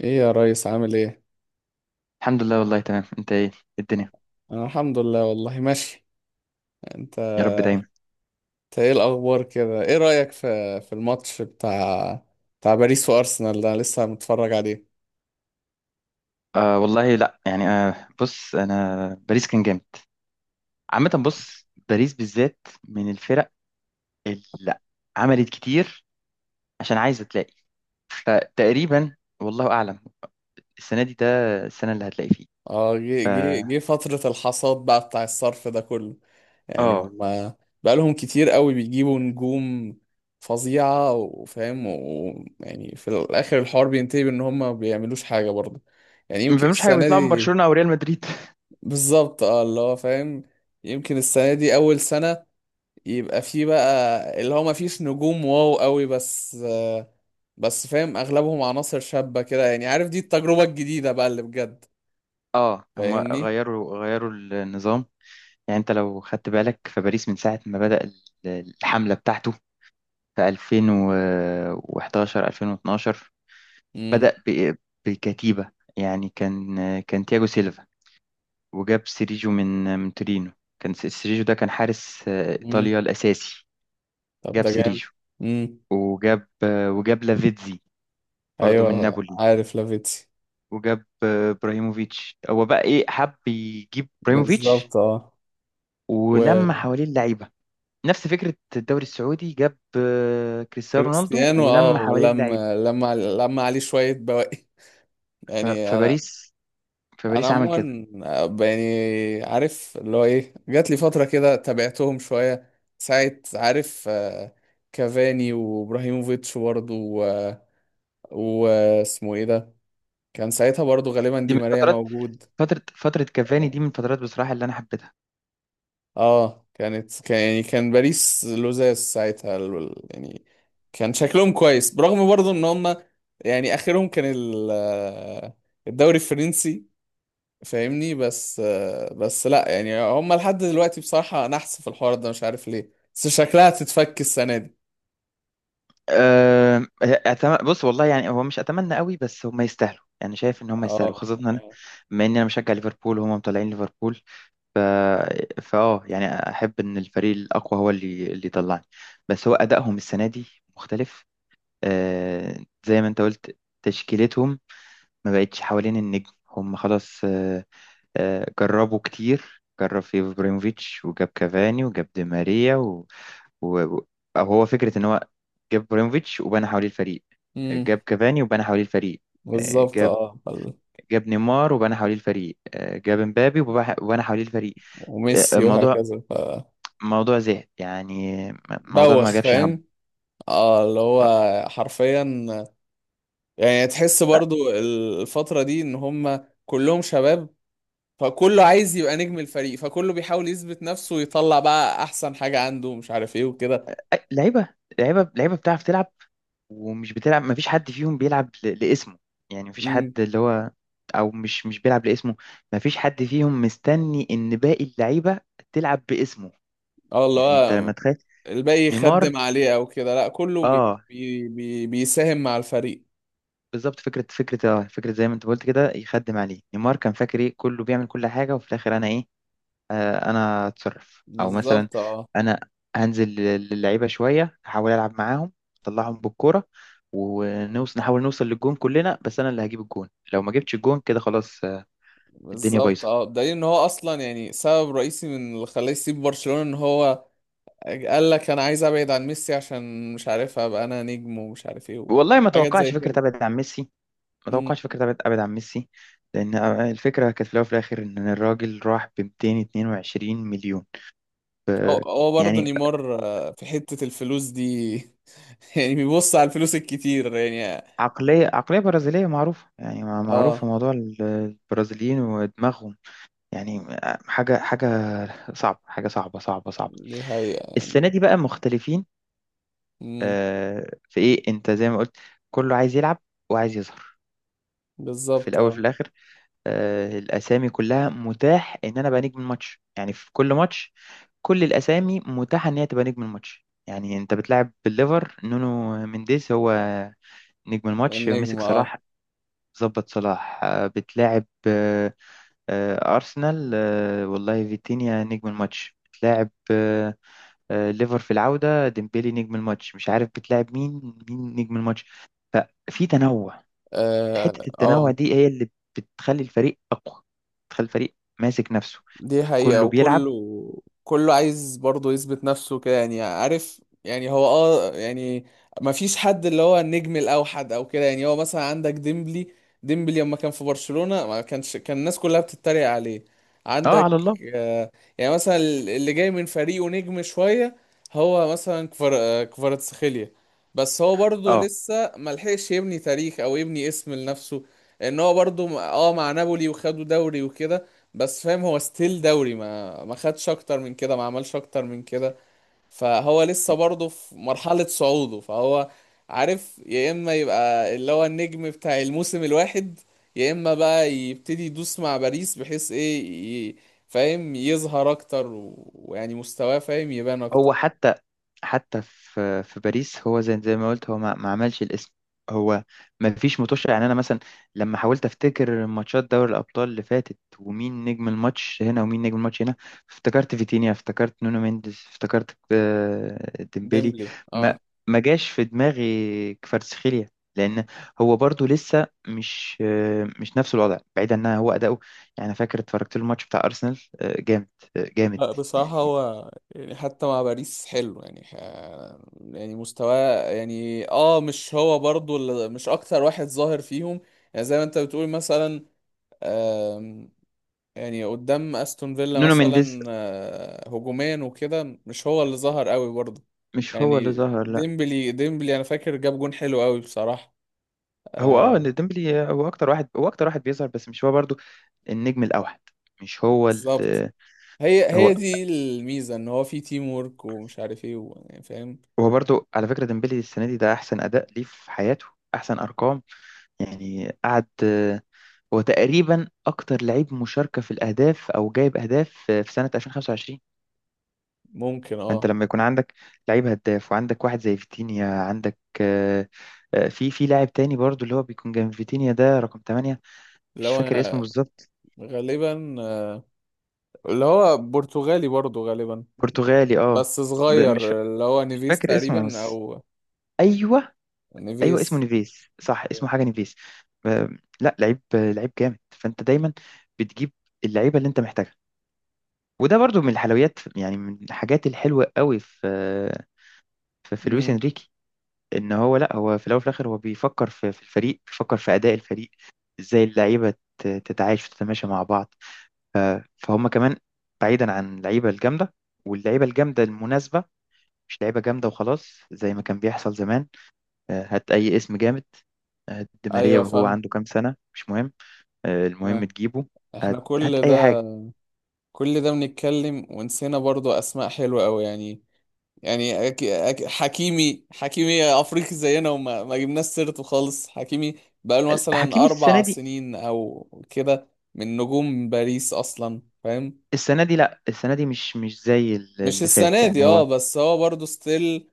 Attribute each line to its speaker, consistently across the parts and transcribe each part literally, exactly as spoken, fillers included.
Speaker 1: ايه يا ريس، عامل ايه؟
Speaker 2: الحمد لله، والله تمام. انت ايه، إيه الدنيا؟
Speaker 1: انا الحمد لله والله ماشي. انت؟
Speaker 2: يا رب دايما.
Speaker 1: إنت ايه الاخبار كده؟ ايه رايك في في الماتش بتاع بتاع باريس وارسنال ده؟ أنا لسه متفرج عليه.
Speaker 2: آه والله، لا يعني، آه بص، انا باريس كان جامد عامة. بص، باريس بالذات من الفرق اللي عملت كتير عشان عايزة تلاقي، فتقريبا والله اعلم السنة دي، ده السنة اللي هتلاقي فيه.
Speaker 1: اه، جه جه جه فتره الحصاد بقى بتاع الصرف ده كله، يعني
Speaker 2: اه،
Speaker 1: هما بقى لهم كتير قوي بيجيبوا نجوم فظيعه، وفاهم، ويعني في الاخر الحوار بينتهي بان هما ما بيعملوش حاجه برضه. يعني
Speaker 2: ما
Speaker 1: يمكن
Speaker 2: بيعملوش حاجة،
Speaker 1: السنه
Speaker 2: بيطلعوا من
Speaker 1: دي.
Speaker 2: برشلونة او ريال مدريد.
Speaker 1: بالظبط، اه، اللي هو فاهم. يمكن السنه دي اول سنه يبقى في بقى اللي هو ما فيش نجوم واو قوي، بس آه، بس فاهم اغلبهم عناصر شابة كده، يعني عارف، دي التجربة الجديدة بقى اللي بجد.
Speaker 2: اه، هم
Speaker 1: فاهمني.
Speaker 2: غيروا غيروا النظام. يعني انت لو خدت بالك، فباريس من ساعة ما بدأ ال- الحملة بتاعته في ألفين وحداشر ألفين واتناشر،
Speaker 1: امم.
Speaker 2: بدأ ب- بكتيبة. يعني كان كان تياجو سيلفا، وجاب سيريجو من من تورينو. كان س- سيريجو ده كان حارس آه،
Speaker 1: امم.
Speaker 2: إيطاليا الأساسي.
Speaker 1: طب
Speaker 2: جاب
Speaker 1: ده جامد.
Speaker 2: سيريجو،
Speaker 1: امم.
Speaker 2: وجاب آه، وجاب لافيتزي برضه من
Speaker 1: ايوه
Speaker 2: نابولي.
Speaker 1: عارف لافيتسي.
Speaker 2: وجاب آه، ابراهيموفيتش. هو بقى ايه، حب يجيب ابراهيموفيتش
Speaker 1: بالظبط، اه.
Speaker 2: ولما حواليه اللعيبة، نفس فكرة الدوري السعودي. جاب آه، كريستيانو رونالدو
Speaker 1: وكريستيانو
Speaker 2: ولما
Speaker 1: اه
Speaker 2: حواليه اللعيبة.
Speaker 1: لما لما لما عليه شوية بواقي
Speaker 2: ف-
Speaker 1: يعني انا
Speaker 2: فباريس
Speaker 1: انا
Speaker 2: فباريس عمل كده.
Speaker 1: عموما، ب- يعني عارف اللي هو ايه، جات لي فتره كده تابعتهم شويه ساعه، عارف، آه، كافاني وابراهيموفيتش برضه. واسمه ايه ده؟ كان ساعتها برضه غالبا
Speaker 2: دي
Speaker 1: دي
Speaker 2: من
Speaker 1: ماريا
Speaker 2: فترات،
Speaker 1: موجود.
Speaker 2: فترة فترة كافاني دي من الفترات بصراحة اللي أنا حبيتها.
Speaker 1: اه، كانت كان يعني كان باريس لوزاس ساعتها، ال- ال- يعني كان شكلهم كويس، برغم برضه ان هم يعني اخرهم كان ال- آه، الدوري الفرنسي. فاهمني، بس آه، بس لا يعني هم لحد دلوقتي بصراحة نحس في الحوار ده، مش عارف ليه، بس شكلها هتتفك السنة دي.
Speaker 2: أه، أتم... بص، والله يعني هو مش اتمنى قوي، بس هم يستاهلوا. يعني شايف ان هم يستاهلوا،
Speaker 1: اه.
Speaker 2: خاصه إن انا، بما اني انا مشجع ليفربول وهم مطلعين ليفربول. ف فاه يعني احب ان الفريق الاقوى هو اللي اللي يطلعني. بس هو ادائهم السنه دي مختلف. أه، زي ما انت قلت تشكيلتهم ما بقتش حوالين النجم، هم خلاص. أه، أه، جربوا كتير. جرب في ابراهيموفيتش، وجاب كافاني، وجاب دي ماريا و... و- أو هو فكرة إن هو جاب ابراهيموفيتش وبنى حواليه الفريق،
Speaker 1: امم.
Speaker 2: جاب كافاني وبنى حواليه الفريق، آه،
Speaker 1: بالظبط،
Speaker 2: جاب
Speaker 1: اه. بل-
Speaker 2: جاب نيمار وبنى حواليه الفريق، آه، جاب مبابي وبح- وبنى حواليه الفريق. آه،
Speaker 1: وميسي
Speaker 2: الموضوع،
Speaker 1: وهكذا، ف.
Speaker 2: موضوع زهق يعني. م- موضوع
Speaker 1: بوخ
Speaker 2: ما جابش همه.
Speaker 1: فاهم. اه، اللي هو حرفيا، يعني تحس
Speaker 2: ف-
Speaker 1: برضو الفترة دي ان هم كلهم شباب. فكله عايز يبقى نجم الفريق، فكله بيحاول يثبت نفسه ويطلع بقى احسن حاجة عنده، مش عارف ايه وكده.
Speaker 2: أي- لعيبة، لعيبة لعيبة بتعرف تلعب ومش بتلعب. ما فيش حد فيهم بيلعب ل- لاسمه. يعني ما فيش حد
Speaker 1: امم.
Speaker 2: اللي هو، او مش مش بيلعب لاسمه. ما فيش حد فيهم مستني ان باقي اللعيبة تلعب باسمه.
Speaker 1: اه، اللي
Speaker 2: يعني انت
Speaker 1: هو
Speaker 2: لما تخيل
Speaker 1: الباقي
Speaker 2: نيمار.
Speaker 1: يخدم عليه او كده؟ لا، كله بي
Speaker 2: اه،
Speaker 1: بي بي بيساهم مع الفريق.
Speaker 2: بالظبط. فكرة فكرة اه فكرة زي ما انت قلت كده، يخدم عليه نيمار. كان فاكر ايه، كله بيعمل كل حاجة، وفي الآخر أنا ايه، آه أنا أتصرف. أو مثلا
Speaker 1: بالظبط، اه.
Speaker 2: أنا هنزل لل- للعيبة شوية، أحاول ألعب معاهم، أطلعهم بالكورة، ونوصل نحاول نوصل للجون كلنا، بس أنا اللي هجيب الجون. لو ما جبتش الجون كده خلاص، آه، الدنيا
Speaker 1: بالظبط، اه،
Speaker 2: بايظة.
Speaker 1: بدليل ان هو اصلا يعني سبب رئيسي من اللي خلاه يسيب برشلونة ان هو قال لك انا عايز ابعد عن ميسي، عشان مش عارف ابقى انا نجم، ومش عارف ايه،
Speaker 2: والله ما
Speaker 1: حاجات زي
Speaker 2: توقعتش
Speaker 1: كده.
Speaker 2: فكرة أبعد عن ميسي. ما
Speaker 1: امم.
Speaker 2: توقعتش فكرة أبعد أبعد عن ميسي، لأن آه، الفكرة كانت في الأول وفي الآخر إن الراجل راح ب مئتين واتنين وعشرين مليون.
Speaker 1: هو هو برضه
Speaker 2: يعني
Speaker 1: نيمار آه، في حتة الفلوس دي يعني بيبص على الفلوس الكتير يعني.
Speaker 2: عقلية عقلية برازيلية معروفة. يعني مع-
Speaker 1: اه،
Speaker 2: معروفة موضوع ال- البرازيليين ودماغهم. يعني حاجة حاجة صعبة، حاجة صعبة صعبة صعبة.
Speaker 1: دي حقيقة
Speaker 2: السنة
Speaker 1: يعني.
Speaker 2: دي بقى مختلفين.
Speaker 1: امم.
Speaker 2: آه، في إيه، أنت زي ما قلت كله عايز يلعب وعايز يظهر في
Speaker 1: بالظبط،
Speaker 2: الأول في
Speaker 1: اه.
Speaker 2: الآخر. آه، الأسامي كلها متاح إن أنا أبقى نجم الماتش، يعني في كل ماتش كل الأسامي متاحة إن هي تبقى نجم الماتش. يعني أنت بتلعب بالليفر، نونو مينديز هو نجم الماتش، مسك
Speaker 1: النجم، اه.
Speaker 2: صلاح، ظبط صلاح. آه، بتلاعب آه، آه، أرسنال، آه، والله فيتينيا نجم الماتش. بتلاعب آه، آه، ليفر في العودة، ديمبلي نجم الماتش. مش عارف بتلاعب مين مين نجم الماتش. ففي تنوع.
Speaker 1: اه،
Speaker 2: حتة التنوع
Speaker 1: آه.
Speaker 2: دي هي اللي بتخلي الفريق أقوى، بتخلي الفريق ماسك نفسه،
Speaker 1: دي حقيقة.
Speaker 2: كله بيلعب.
Speaker 1: وكله، كله عايز برضه يثبت نفسه كده، يعني عارف، يعني هو اه يعني ما فيش حد اللي هو النجم الأوحد أو كده. يعني هو مثلا عندك ديمبلي. ديمبلي لما كان في برشلونة ما كانش كان الناس كلها بتتريق عليه.
Speaker 2: اه
Speaker 1: عندك
Speaker 2: على الله.
Speaker 1: آه، يعني مثلا اللي جاي من فريقه نجم شوية، هو مثلا كفر آه، كفاراتسخيليا، بس هو برضه
Speaker 2: اه،
Speaker 1: لسه ملحقش يبني تاريخ أو يبني اسم لنفسه. ان هو برضه م- اه مع نابولي وخدوا دوري وكده، بس فاهم هو ستيل دوري، ما ما خدش اكتر من كده، ما عملش اكتر من كده. فهو لسه برضه في مرحلة صعوده، فهو عارف، يا اما يبقى اللي هو النجم بتاع الموسم الواحد، يا اما بقى يبتدي يدوس مع باريس بحيث ايه، ي- فاهم، يظهر اكتر و- ويعني مستواه فاهم يبان اكتر.
Speaker 2: هو حتى، حتى في في باريس هو زي زي ما قلت، هو ما, ما عملش الاسم. هو ما فيش متوشة. يعني انا مثلا لما حاولت افتكر ماتشات دوري الابطال اللي فاتت، ومين نجم الماتش هنا ومين نجم الماتش هنا، افتكرت فيتينيا، افتكرت نونو مينديز، افتكرت آه، ديمبيلي.
Speaker 1: ديمبلي، اه.
Speaker 2: ما ما جاش في دماغي كفاراتسخيليا، لان هو برضو لسه مش آه، مش نفس الوضع، بعيدا ان هو اداؤه. يعني أنا فاكر اتفرجت له الماتش بتاع ارسنال، آه، جامد، آه، جامد.
Speaker 1: لا بصراحة
Speaker 2: يعني
Speaker 1: هو يعني حتى مع باريس حلو، يعني ح- يعني مستواه يعني اه، مش هو برضو اللي- مش اكتر واحد ظاهر فيهم. يعني زي ما انت بتقول مثلا، آم، يعني قدام استون فيلا
Speaker 2: نونو مينديز
Speaker 1: مثلا آه، هجوميا وكده مش هو اللي ظهر قوي برضو.
Speaker 2: مش هو اللي
Speaker 1: يعني
Speaker 2: ظهر، لا.
Speaker 1: ديمبلي، ديمبلي انا فاكر جاب جون حلو قوي بصراحة،
Speaker 2: هو اه،
Speaker 1: آه،
Speaker 2: إن ديمبلي هو اكتر واحد، هو اكتر واحد بيظهر، بس مش هو برضو النجم الاوحد، مش هو ال.
Speaker 1: بالظبط. هي
Speaker 2: هو
Speaker 1: هي دي الميزة، ان هو في تيم وورك ومش عارف ايه و- يعني فاهم.
Speaker 2: هو برضو على فكرة ديمبلي السنة دي ده احسن اداء ليه في حياته، احسن ارقام. يعني قعد، هو تقريبا اكتر لعيب مشاركة في الاهداف او جايب اهداف في في سنة ألفين وخمسة وعشرين.
Speaker 1: ممكن، اه.
Speaker 2: فانت لما يكون عندك لعيب هداف، وعندك واحد زي فيتينيا، عندك آه، آه، في في لاعب تاني برضو اللي هو بيكون جنب فيتينيا ده رقم تمنية، مش
Speaker 1: لو
Speaker 2: فاكر اسمه
Speaker 1: انا،
Speaker 2: بالظبط.
Speaker 1: غالبا آه، اللي هو برتغالي برضو، غالبا،
Speaker 2: برتغالي اه.
Speaker 1: بس
Speaker 2: ب- مش فا-
Speaker 1: صغير، اللي هو
Speaker 2: مش
Speaker 1: نيفيس
Speaker 2: فاكر اسمه،
Speaker 1: تقريبا،
Speaker 2: بس
Speaker 1: او
Speaker 2: ايوه، ايوه اسمه
Speaker 1: نيفيس.
Speaker 2: نيفيز صح، اسمه حاجه نيفيز. ب- لا، لعيب لعيب جامد. فانت دايما بتجيب اللعيبه اللي انت محتاجها. وده برضو من الحلويات، يعني من الحاجات الحلوه قوي في في, في لويس
Speaker 1: امم.
Speaker 2: انريكي. ان هو لا، هو في الاول وفي الاخر هو بيفكر في, في الفريق، بيفكر في اداء الفريق، ازاي اللعيبه ت- تتعايش وتتماشى مع بعض. فهم كمان، بعيدا عن اللعيبه الجامده، واللعيبه الجامده المناسبه، مش لعيبه جامده وخلاص زي ما كان بيحصل زمان. آه، هات أي اسم جامد، آه، هات دي ماريا
Speaker 1: ايوه
Speaker 2: وهو
Speaker 1: فاهم.
Speaker 2: عنده كام سنة، مش مهم. آه، المهم
Speaker 1: انا،
Speaker 2: تجيبه.
Speaker 1: احنا
Speaker 2: هات هات
Speaker 1: كل
Speaker 2: أي
Speaker 1: ده،
Speaker 2: حاجة.
Speaker 1: كل ده بنتكلم ونسينا برضو اسماء حلوه قوي يعني. يعني أك... أك... حكيمي، حكيمي افريقي زينا وما ما جبناش سيرته خالص. حكيمي بقاله
Speaker 2: حكيمي
Speaker 1: مثلا
Speaker 2: السنة
Speaker 1: اربع
Speaker 2: دي،
Speaker 1: سنين او كده من نجوم باريس اصلا، فاهم؟
Speaker 2: السنة دي لأ، السنة دي مش مش زي ال-
Speaker 1: مش
Speaker 2: اللي فات.
Speaker 1: السنه دي،
Speaker 2: يعني
Speaker 1: اه،
Speaker 2: هو،
Speaker 1: بس هو برضو ستيل،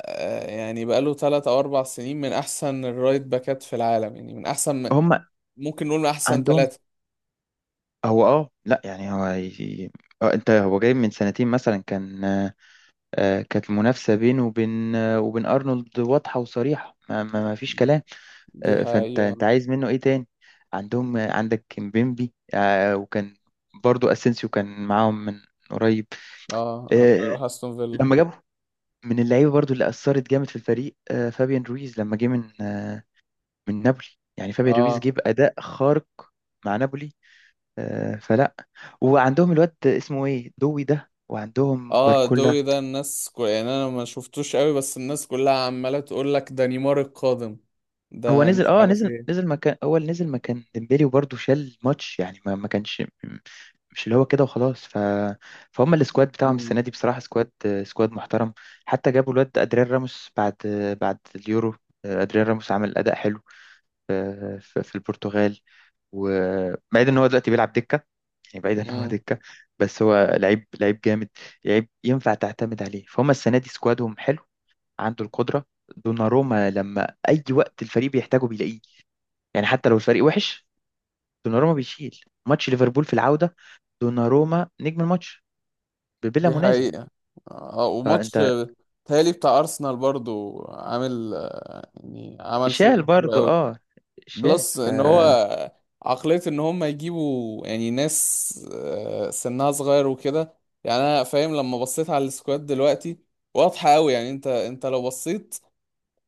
Speaker 1: آه، يعني بقاله ثلاث او اربع سنين من احسن الرايت باكات في العالم، يعني من احسن،
Speaker 2: هم
Speaker 1: ممكن نقول من احسن
Speaker 2: عندهم.
Speaker 1: ثلاثة.
Speaker 2: هو اه لأ، يعني هو ي- اه، انت هو جاي من سنتين مثلا، كان آه، آه، كانت المنافسة بينه وبين آه، وبين أرنولد واضحة وصريحة، ما ما ما فيش كلام.
Speaker 1: دي
Speaker 2: آه، فانت
Speaker 1: حقيقة.
Speaker 2: انت عايز منه ايه تاني، عندهم آه، عندك كيمبيمبي آه، وكان برضو اسينسيو كان معاهم من قريب.
Speaker 1: اه، ابقى
Speaker 2: آه،
Speaker 1: اروح استون فيلا.
Speaker 2: لما جابوا من اللعيبه برضو اللي اثرت جامد في الفريق، آه، فابيان رويز لما جه من آه، من نابولي. يعني فابيان رويز
Speaker 1: اه.
Speaker 2: جه باداء خارق مع نابولي. آه، فلا، وعندهم الواد اسمه ايه، دوي ده، وعندهم
Speaker 1: اه،
Speaker 2: باركولا.
Speaker 1: دوي ده الناس كو... يعني انا ما شفتوش قوي، بس الناس كلها عمالة تقول لك ده نيمار القادم،
Speaker 2: هو
Speaker 1: ده
Speaker 2: نزل،
Speaker 1: مش
Speaker 2: اه،
Speaker 1: عارف
Speaker 2: نزل
Speaker 1: ايه.
Speaker 2: نزل مكان اول، نزل مكان ديمبلي، وبرضه شال ماتش. يعني ما ما كانش مش اللي هو كده وخلاص. ف فهم السكواد بتاعهم
Speaker 1: امم.
Speaker 2: السنه دي بصراحه، سكواد سكواد محترم. حتى جابوا الواد ادريان راموس بعد، بعد اليورو. ادريان راموس عمل اداء حلو في في البرتغال. وبعيد ان هو دلوقتي بيلعب دكه، يعني بعيد ان هو
Speaker 1: امم.
Speaker 2: دكه. بس هو لعيب لعيب جامد، لعيب ينفع تعتمد عليه. فهم السنه دي سكوادهم حلو، عنده القدره. دوناروما، لما اي وقت الفريق بيحتاجه بيلاقيه. يعني حتى لو الفريق وحش، دوناروما بيشيل. ماتش ليفربول في العودة، دوناروما نجم الماتش بلا
Speaker 1: دي
Speaker 2: منازع.
Speaker 1: حقيقة. اه، وماتش
Speaker 2: فانت،
Speaker 1: تهيألي بتاع ارسنال برضو عامل آه، يعني عمل
Speaker 2: شال
Speaker 1: شغل حلو
Speaker 2: برضو
Speaker 1: قوي.
Speaker 2: اه، شال.
Speaker 1: بلس
Speaker 2: ف
Speaker 1: ان هو عقلية ان هم يجيبوا يعني ناس آه، سنها صغير وكده. يعني انا فاهم لما بصيت على السكواد دلوقتي، واضحة قوي، يعني انت، انت لو بصيت،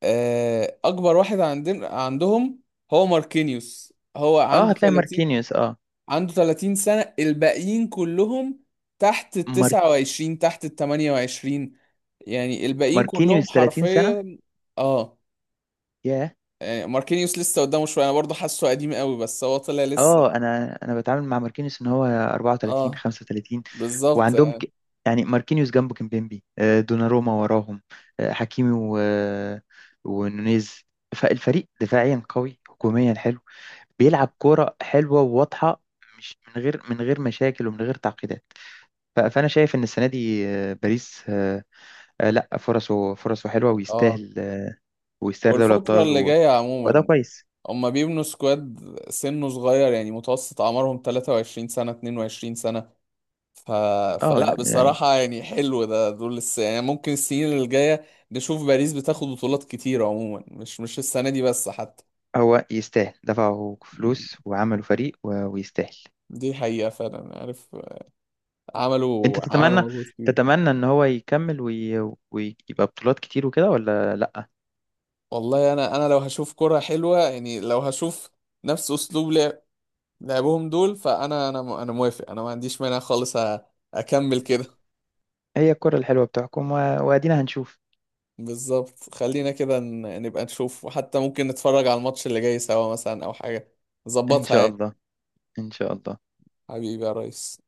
Speaker 1: آه، اكبر واحد عندنا عندهم هو ماركينيوس. هو
Speaker 2: اه،
Speaker 1: عنده
Speaker 2: هتلاقي
Speaker 1: ثلاثين،
Speaker 2: ماركينيوس. اه،
Speaker 1: عنده ثلاثين سنة. الباقيين كلهم تحت ال
Speaker 2: مار...
Speaker 1: تسعة وعشرين، تحت ال تمنية وعشرين. يعني الباقيين كلهم
Speaker 2: ماركينيوس تلاتين سنة،
Speaker 1: حرفيا. اه،
Speaker 2: ياه.
Speaker 1: يعني ماركينيوس لسه قدامه شويه، انا برضه حاسه قديم قوي بس هو طلع لسه.
Speaker 2: اه، انا انا بتعامل مع ماركينيوس ان هو أربعة وثلاثين
Speaker 1: اه،
Speaker 2: خمسة وثلاثين.
Speaker 1: بالظبط
Speaker 2: وعندهم
Speaker 1: يعني.
Speaker 2: ك... يعني ماركينيوس جنبه كيمبيمبي، آه، دوناروما وراهم، آه، حكيمي و... آه، ونونيز. فالفريق دفاعيا قوي، هجوميا حلو، بيلعب كورة حلوة وواضحة، مش من غير من غير مشاكل ومن غير تعقيدات. ف- فأنا شايف إن السنة دي آه، باريس آه، آه، لا، فرصه فرصه حلوة
Speaker 1: اه،
Speaker 2: ويستاهل، آه، ويستاهل دوري
Speaker 1: والفترة
Speaker 2: الأبطال
Speaker 1: اللي
Speaker 2: و-
Speaker 1: جاية
Speaker 2: وده
Speaker 1: عموما
Speaker 2: كويس.
Speaker 1: هما بيبنوا سكواد سنه صغير، يعني متوسط أعمارهم تلاتة وعشرين سنة، اتنين وعشرين سنة. ف...
Speaker 2: اه
Speaker 1: فلا
Speaker 2: لا يعني،
Speaker 1: بصراحة يعني حلو ده، دول لسه، يعني ممكن السنين اللي جاية نشوف باريس بتاخد بطولات كتير عموما، مش مش السنة دي بس حتى.
Speaker 2: هو يستاهل، دفعوا فلوس وعملوا فريق و- ويستاهل.
Speaker 1: دي حقيقة فعلا، عارف.
Speaker 2: أنت
Speaker 1: عملوا
Speaker 2: تتمنى،
Speaker 1: عملوا مجهود كبير.
Speaker 2: تتمنى إن هو يكمل وي- ويبقى بطولات كتير وكده ولا لا؟
Speaker 1: والله أنا، أنا لو هشوف كرة حلوة، يعني لو هشوف نفس أسلوب لعب لعبهم دول، فانا، انا م- انا موافق، انا ما عنديش مانع خالص. أ- اكمل كده.
Speaker 2: هي الكرة الحلوة بتحكم، و- وأدينا هنشوف.
Speaker 1: بالظبط، خلينا كده ن- نبقى نشوف، وحتى ممكن نتفرج على الماتش اللي جاي سوا مثلا او حاجة
Speaker 2: إن
Speaker 1: نظبطها
Speaker 2: شاء
Speaker 1: يعني.
Speaker 2: الله، إن شاء الله.
Speaker 1: حبيبي يا ريس.